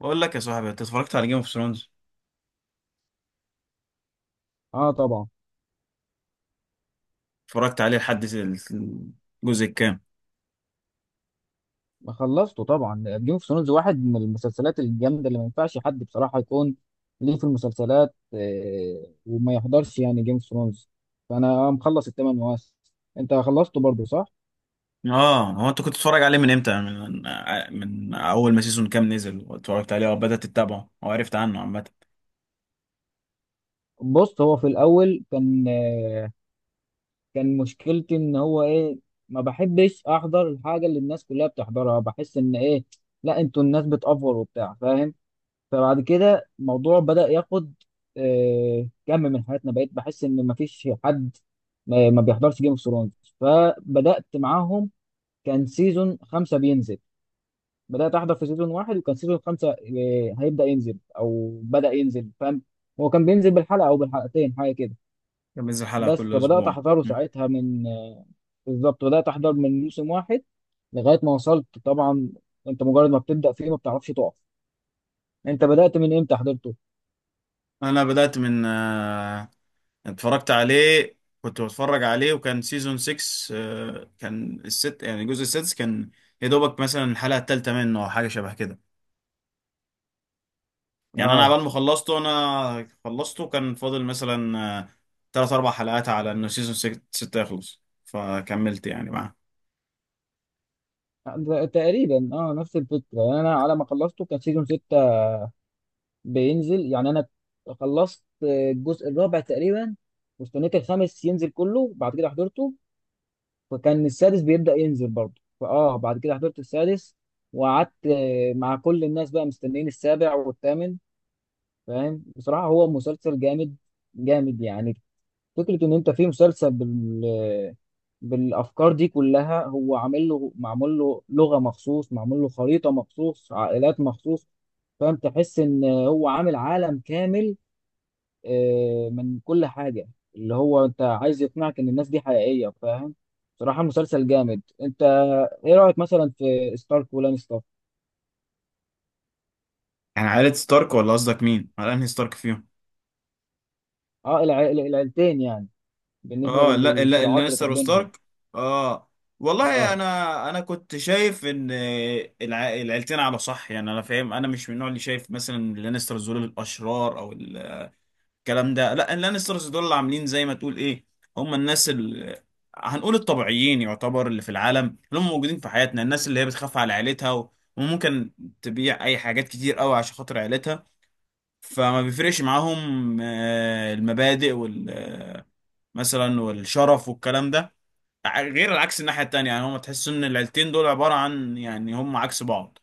بقول لك يا صاحبي، انت اتفرجت على جيم اوف ثرونز؟ اه طبعا. اتفرجت عليه لحد الجزء الكام؟ ما خلصته طبعا. جيم اوف ثرونز واحد من المسلسلات الجامده اللي ما ينفعش حد بصراحه يكون ليه في المسلسلات وما يحضرش يعني جيم اوف ثرونز. فانا مخلص الثمان مواسم. انت خلصته برضو صح؟ اه، هو انت كنت بتتفرج عليه من امتى؟ من اول ما سيزون كام نزل واتفرجت عليه وبدات تتابعه وعرفت عنه عامه؟ بص هو في الاول كان كان مشكلتي ان هو ايه، ما بحبش احضر الحاجه اللي الناس كلها بتحضرها. بحس ان ايه، لا انتوا الناس بتأفور وبتاع فاهم. فبعد كده الموضوع بدأ ياخد كم من حياتنا، بقيت بحس ان مفيش حد ما بيحضرش جيم اوف ثرونز. فبدأت معاهم. كان سيزون خمسة بينزل. بدأت أحضر في سيزون واحد وكان سيزون خمسة هيبدأ ينزل أو بدأ ينزل فاهم. هو كان بينزل بالحلقة أو بالحلقتين حاجة كده. كان بينزل حلقه بس كل فبدأت اسبوع. أحضره مم. ساعتها من آه، بالظبط بدأت أحضر من موسم واحد لغاية ما وصلت طبعا. أنت مجرد ما بتبدأ فيه ما بتعرفش تقف. أنت بدأت من إمتى حضرته؟ انا بدات من اتفرجت عليه كنت بتفرج عليه، وكان سيزون 6. كان الست، يعني الجزء السادس، كان يا دوبك مثلا الحلقه الثالثه منه او حاجه شبه كده. يعني انا آه عبال ما خلصته، انا خلصته كان فاضل مثلا ثلاث اربع حلقات على انه سيزون 6 يخلص، فكملت يعني معاه. تقريبا نفس الفكره، يعني انا على ما خلصته كان سيزون 6 بينزل. يعني انا خلصت الجزء الرابع تقريبا واستنيت الخامس ينزل كله، بعد كده حضرته. فكان السادس بيبدا ينزل برضه، فاه بعد كده حضرت السادس. وقعدت مع كل الناس بقى مستنيين السابع والثامن فاهم. بصراحه هو مسلسل جامد، جامد يعني. فكرة إن أنت في مسلسل بالأفكار دي كلها، هو عامل له، معمول له لغة مخصوص، معمول له خريطة مخصوص، عائلات مخصوص فاهم. تحس إن هو عامل عالم كامل من كل حاجة، اللي هو أنت عايز يقنعك إن الناس دي حقيقية فاهم. بصراحة مسلسل جامد. أنت إيه رأيك مثلا في ستارك ولانستر؟ يعني عائلة ستارك، ولا قصدك مين؟ على انهي ستارك فيهم؟ أه العيلتين يعني، بالنسبة اه، لا لا، للصراعات اللي لانستر كانت بينهم. وستارك. اه. والله، أه انا كنت شايف ان العيلتين على صح. يعني انا فاهم، انا مش من النوع اللي شايف مثلا لانستر دول الاشرار او الكلام ده. لا، اللانسترز دول اللي عاملين زي ما تقول ايه، هم الناس هنقول الطبيعيين، يعتبر اللي في العالم، اللي هم موجودين في حياتنا، الناس اللي هي بتخاف على عيلتها وممكن تبيع اي حاجات كتير قوي عشان خاطر عيلتها. فما بيفرقش معاهم المبادئ وال آه، مثلا، والشرف والكلام ده. غير العكس الناحية التانية، يعني هم تحس ان العيلتين دول عبارة عن، يعني، هم عكس بعض.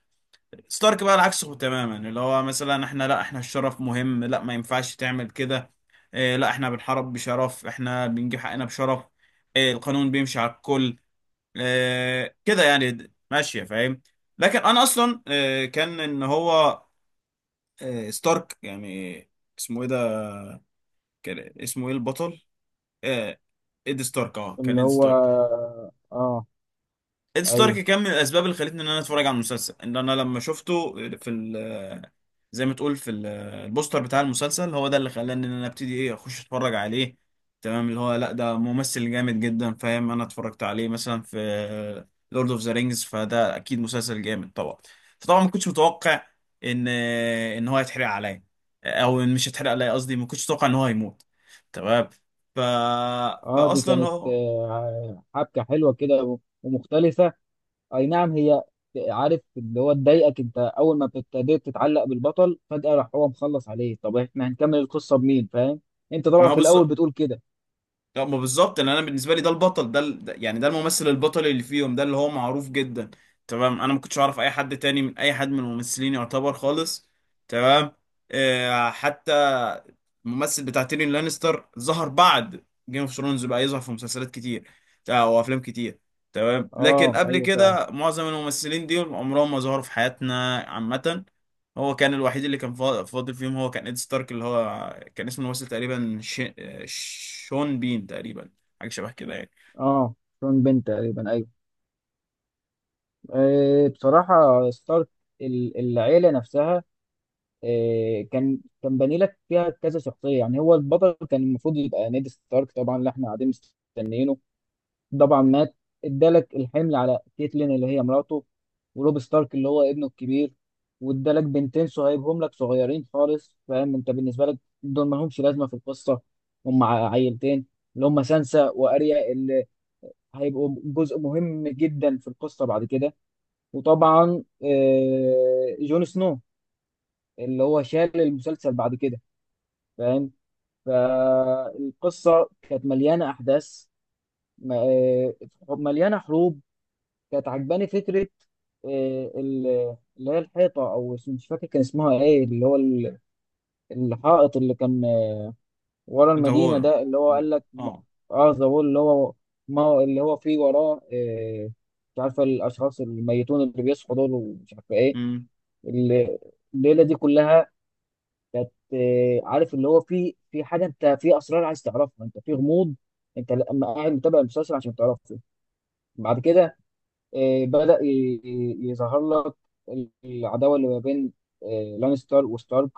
ستارك بقى العكس تماما، اللي هو مثلا احنا لا، احنا الشرف مهم، لا، ما ينفعش تعمل كده. اه، لا، احنا بنحارب بشرف، احنا بنجيب حقنا بشرف. اه، القانون بيمشي على الكل. اه كده يعني، ماشية فاهم. لكن انا اصلا اه، كان ان هو اه ستارك، يعني اسمه ايه ده، كان اسمه ايه البطل؟ اه، ايد ستارك، اه، كان اللي ايد هو ستارك. أه إد أيوه. ستارك كان من الأسباب اللي خلتني إن أنا أتفرج على المسلسل، إن أنا لما شفته في ال آه، زي ما تقول في البوستر بتاع المسلسل، هو ده اللي خلاني إن أنا أبتدي إيه، أخش أتفرج عليه. تمام، اللي هو لأ، ده ممثل جامد جدا، فاهم؟ أنا اتفرجت عليه مثلا في لورد أوف ذا رينجز، فده أكيد مسلسل جامد طبعا. فطبعا ما كنتش متوقع إن إن هو يتحرق عليا، أو إن مش يتحرق عليا، قصدي ما كنتش متوقع إن هو هيموت. تمام. ف... اه دي فأصلا كانت هو. حبكه حلوه كده ومختلفه. اي نعم هي. عارف اللي هو تضايقك انت اول ما ابتديت تتعلق بالبطل فجاه راح هو مخلص عليه. طب احنا هنكمل القصه بمين فاهم؟ انت ما طبعا هو في الاول بالظبط. بتقول كده. لا، ما بالظبط، ان انا بالنسبه لي ده البطل، يعني ده الممثل البطل اللي فيهم، ده اللي هو معروف جدا. تمام، انا ما كنتش اعرف اي حد تاني، من اي حد من الممثلين يعتبر خالص. تمام. حتى الممثل بتاع تيريون لانستر ظهر بعد جيم اوف ثرونز، بقى يظهر في مسلسلات كتير، او افلام كتير. تمام، لكن اه قبل ايوه فعلا. كده معظم الممثلين دول عمرهم ما ظهروا في حياتنا عامه. هو كان الوحيد اللي كان فاضل فيهم، هو كان إد ستارك، اللي هو كان اسمه الممثل تقريبا شون بين تقريبا، حاجة شبه كده يعني. اه شون بين تقريبا ايوه. بصراحه ستارك، العيله نفسها، كان باني لك فيها كذا شخصيه. يعني هو البطل كان المفروض يبقى نيد ستارك طبعا اللي احنا قاعدين مستنيينه. طبعا مات. ادالك الحمل على كيتلين اللي هي مراته، وروب ستارك اللي هو ابنه الكبير. وادالك بنتين صهيبهم لك صغيرين خالص فاهم. انت بالنسبه لك دول ما لهمش لازمه في القصه. هم عيلتين اللي هم سانسا واريا اللي هيبقوا جزء مهم جدا في القصه بعد كده. وطبعا جون سنو اللي هو شال المسلسل بعد كده فاهم. فالقصه كانت مليانه احداث، م- آه، مليانه حروب. كانت عجباني فكرة اللي هي الحيطة، أو مش فاكر كان اسمها إيه، اللي هو الحائط اللي كان ورا ده هو. المدينة ده اللي هو لا. قال لك اه. ذا وول. اللي هو ما هو- اللي هو فيه وراه مش عارفة الأشخاص الميتون اللي بيصحوا دول ومش عارفة إيه. امم. ال- الليلة دي كلها كانت عارف اللي هو فيه في حاجة، أنت في أسرار عايز تعرفها، أنت في غموض. أنت لما قاعد متابع المسلسل عشان تعرفه. بعد كده بدأ يظهر لك العداوة اللي ما بين لانستر وستارك.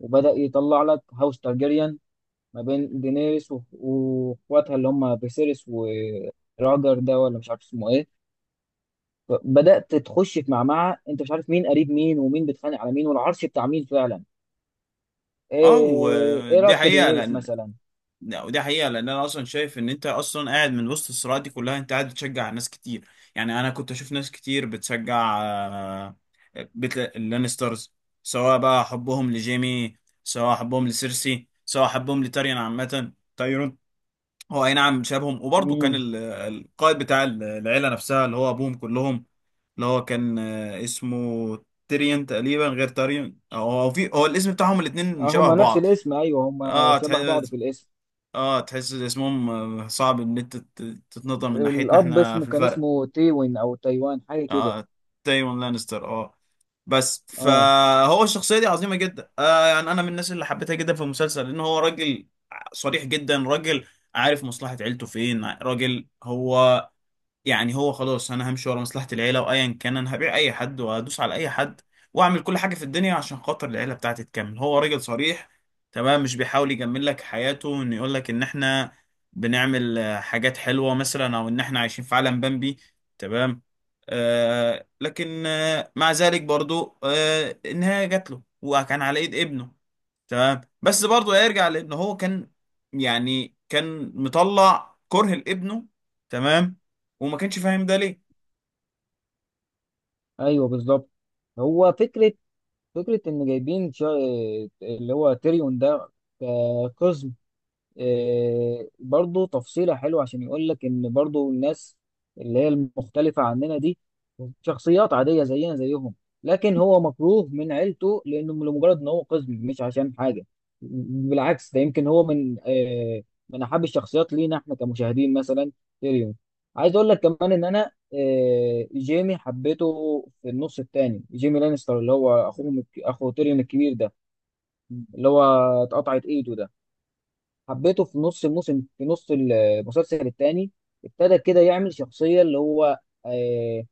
وبدأ يطلع لك هاوس تارجيريان ما بين دينيريس واخواتها اللي هم فيسيريس وراجر ده، ولا مش عارف اسمه ايه. بدأت تخش في معمعة انت مش عارف مين قريب مين، ومين بيتخانق على مين، والعرش بتاع مين فعلا. اه، إيه ودي رأيك في حقيقة دينيريس لأن. مثلا؟ لا، ودي حقيقة لأن أنا أصلا شايف إن أنت أصلا قاعد من وسط الصراعات دي كلها، أنت قاعد بتشجع ناس كتير. يعني أنا كنت أشوف ناس كتير بتشجع بيت اللانسترز، سواء بقى حبهم لجيمي، سواء حبهم لسيرسي، سواء حبهم لتاريان، عامة تايرون. هو اي نعم شابهم، وبرضه كان امم. القائد بتاع العيله نفسها، اللي هو ابوهم كلهم، اللي هو كان اسمه تيريون تقريبا، غير تاريون، او هو الاسم بتاعهم الاثنين اه شبه هما نفس بعض. الاسم ايوه، هما اه شبه بعض تحس في الاسم. اه تحس اسمهم صعب ان انت تتنطق من ناحيتنا الاب احنا في الفرق. اسمه تيوين او تايوان حاجه كده. اه، تايوان لانستر، اه، بس اه فهو الشخصيه دي عظيمه جدا، يعني انا من الناس اللي حبيتها جدا في المسلسل، لان هو راجل صريح جدا، راجل عارف مصلحة عيلته فين، راجل هو يعني هو خلاص، انا همشي ورا مصلحة العيلة وايا كان، انا هبيع اي حد وهدوس على اي حد واعمل كل حاجة في الدنيا عشان خاطر العيلة بتاعتي تكمل. هو راجل صريح، تمام، مش بيحاول يجمل لك حياته، ان يقول لك ان احنا بنعمل حاجات حلوة مثلا، او ان احنا عايشين في عالم بامبي. تمام. لكن مع ذلك برضو النهاية جات له، وكان على ايد ابنه. تمام، بس برضه يرجع لان هو كان، يعني، كان مطلع كره لابنه. تمام، وما كانش فاهم ده ليه. ايوه بالظبط. هو فكره ان جايبين اللي هو تيريون ده كقزم. إيه، برضو تفصيلة حلوة عشان يقول لك إن برضو الناس اللي هي المختلفة عننا دي شخصيات عادية زينا زيهم. لكن هو مكروه من عيلته لأنه لمجرد إن هو قزم مش عشان حاجة. بالعكس، ده يمكن هو من أحب الشخصيات لينا إحنا كمشاهدين مثلا، تيريون. عايز أقول لك كمان إن أنا جيمي حبيته، في النص التاني. جيمي لانستر اللي هو أخوه أخو تيريون الكبير ده، اللي هو اتقطعت إيده ده. حبيته في نص الموسم، في نص المسلسل الثاني. ابتدى كده يعمل شخصية اللي هو آه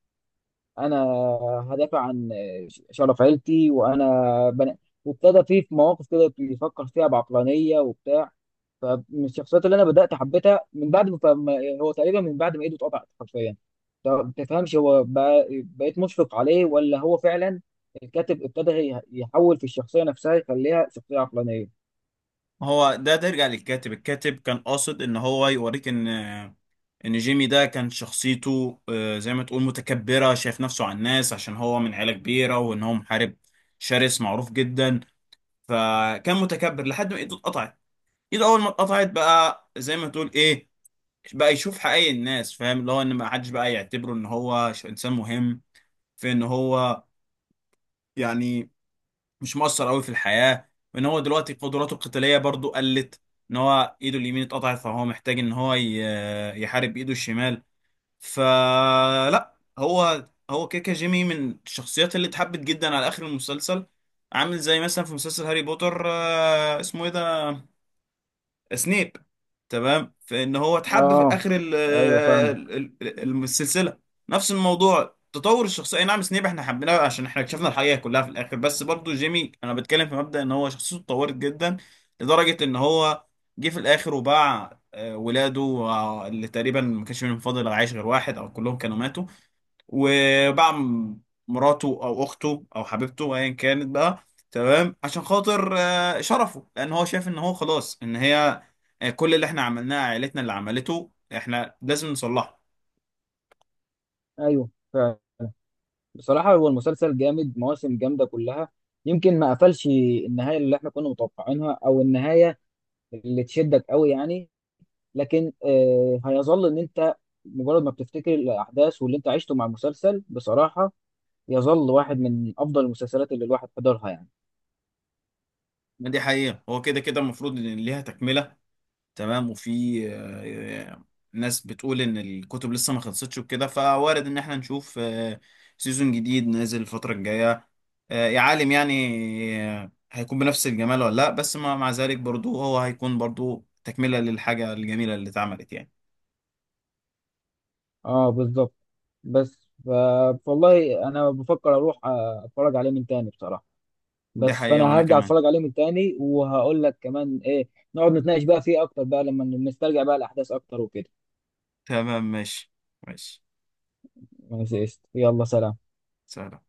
انا هدافع عن شرف عيلتي وانا بنا... وابتدى فيه في مواقف كده بيفكر فيها بعقلانية وبتاع. فمن الشخصيات اللي انا بدأت حبيتها من بعد ما هو تقريبا من بعد ما ايده اتقطعت حرفيا. طب ما تفهمش بقيت مشفق عليه، ولا هو فعلا الكاتب ابتدى يحول في الشخصية نفسها يخليها شخصية عقلانية. ما هو ده ترجع للكاتب، الكاتب كان قاصد ان هو يوريك ان جيمي ده كان شخصيته زي ما تقول متكبرة، شايف نفسه على الناس عشان هو من عيلة كبيرة، وان هو محارب شرس معروف جدا، فكان متكبر لحد ما ايده اتقطعت. ايده اول ما اتقطعت بقى زي ما تقول ايه، بقى يشوف حقيقي الناس، فاهم، اللي هو ان ما حدش بقى يعتبره ان هو انسان مهم، في ان هو، يعني، مش مؤثر قوي في الحياة، وان هو دلوقتي قدراته القتالية برضو قلت، ان هو ايده اليمين اتقطعت، فهو محتاج ان هو يحارب بايده الشمال. فلا، هو كيكا، جيمي من الشخصيات اللي اتحبت جدا على اخر المسلسل، عامل زي مثلا في مسلسل هاري بوتر، اسمه ايه ده، سنيب. تمام، فان هو اتحب في اه اخر ايوه فاهمك. السلسله. نفس الموضوع، تطور الشخصيه، أي نعم، سنيب احنا حبيناه عشان احنا اكتشفنا الحقيقه كلها في الاخر، بس برضو جيمي انا بتكلم في مبدا ان هو شخصيته اتطورت جدا، لدرجه ان هو جه في الاخر وباع ولاده، اللي تقريبا ما كانش منهم فاضل عايش غير واحد، او كلهم كانوا ماتوا، وباع مراته، او اخته، او حبيبته ايا كانت بقى. تمام، عشان خاطر شرفه، لان هو شايف ان هو خلاص ان هي كل اللي احنا عملناه عائلتنا اللي عملته، احنا لازم نصلحه. ايوه فعلا. بصراحه هو المسلسل جامد، مواسم جامده كلها. يمكن ما قفلش النهايه اللي احنا كنا متوقعينها، او النهايه اللي تشدك قوي يعني. لكن هيظل ان انت مجرد ما بتفتكر الاحداث واللي انت عشته مع المسلسل بصراحه، يظل واحد من افضل المسلسلات اللي الواحد حضرها يعني. ما دي حقيقة، هو كده كده المفروض ان ليها تكملة. تمام، وفي آه، ناس بتقول ان الكتب لسه ما خلصتش، وكده فوارد ان احنا نشوف سيزون جديد نازل الفترة الجاية. يا عالم يعني، هيكون بنفس الجمال ولا لا؟ بس مع ذلك برضو، هو هيكون برضو تكملة للحاجة الجميلة اللي اتعملت يعني. اه بالظبط. بس ف- والله انا بفكر اروح اتفرج عليه من تاني بصراحه. دي بس فانا حقيقة، وانا هرجع كمان. اتفرج عليه من تاني وهقول لك كمان ايه، نقعد نتناقش بقى فيه اكتر بقى لما نسترجع بقى الاحداث اكتر وكده. تمام، ماشي. ماشي. ماشي قشطة. يلا سلام. سلام.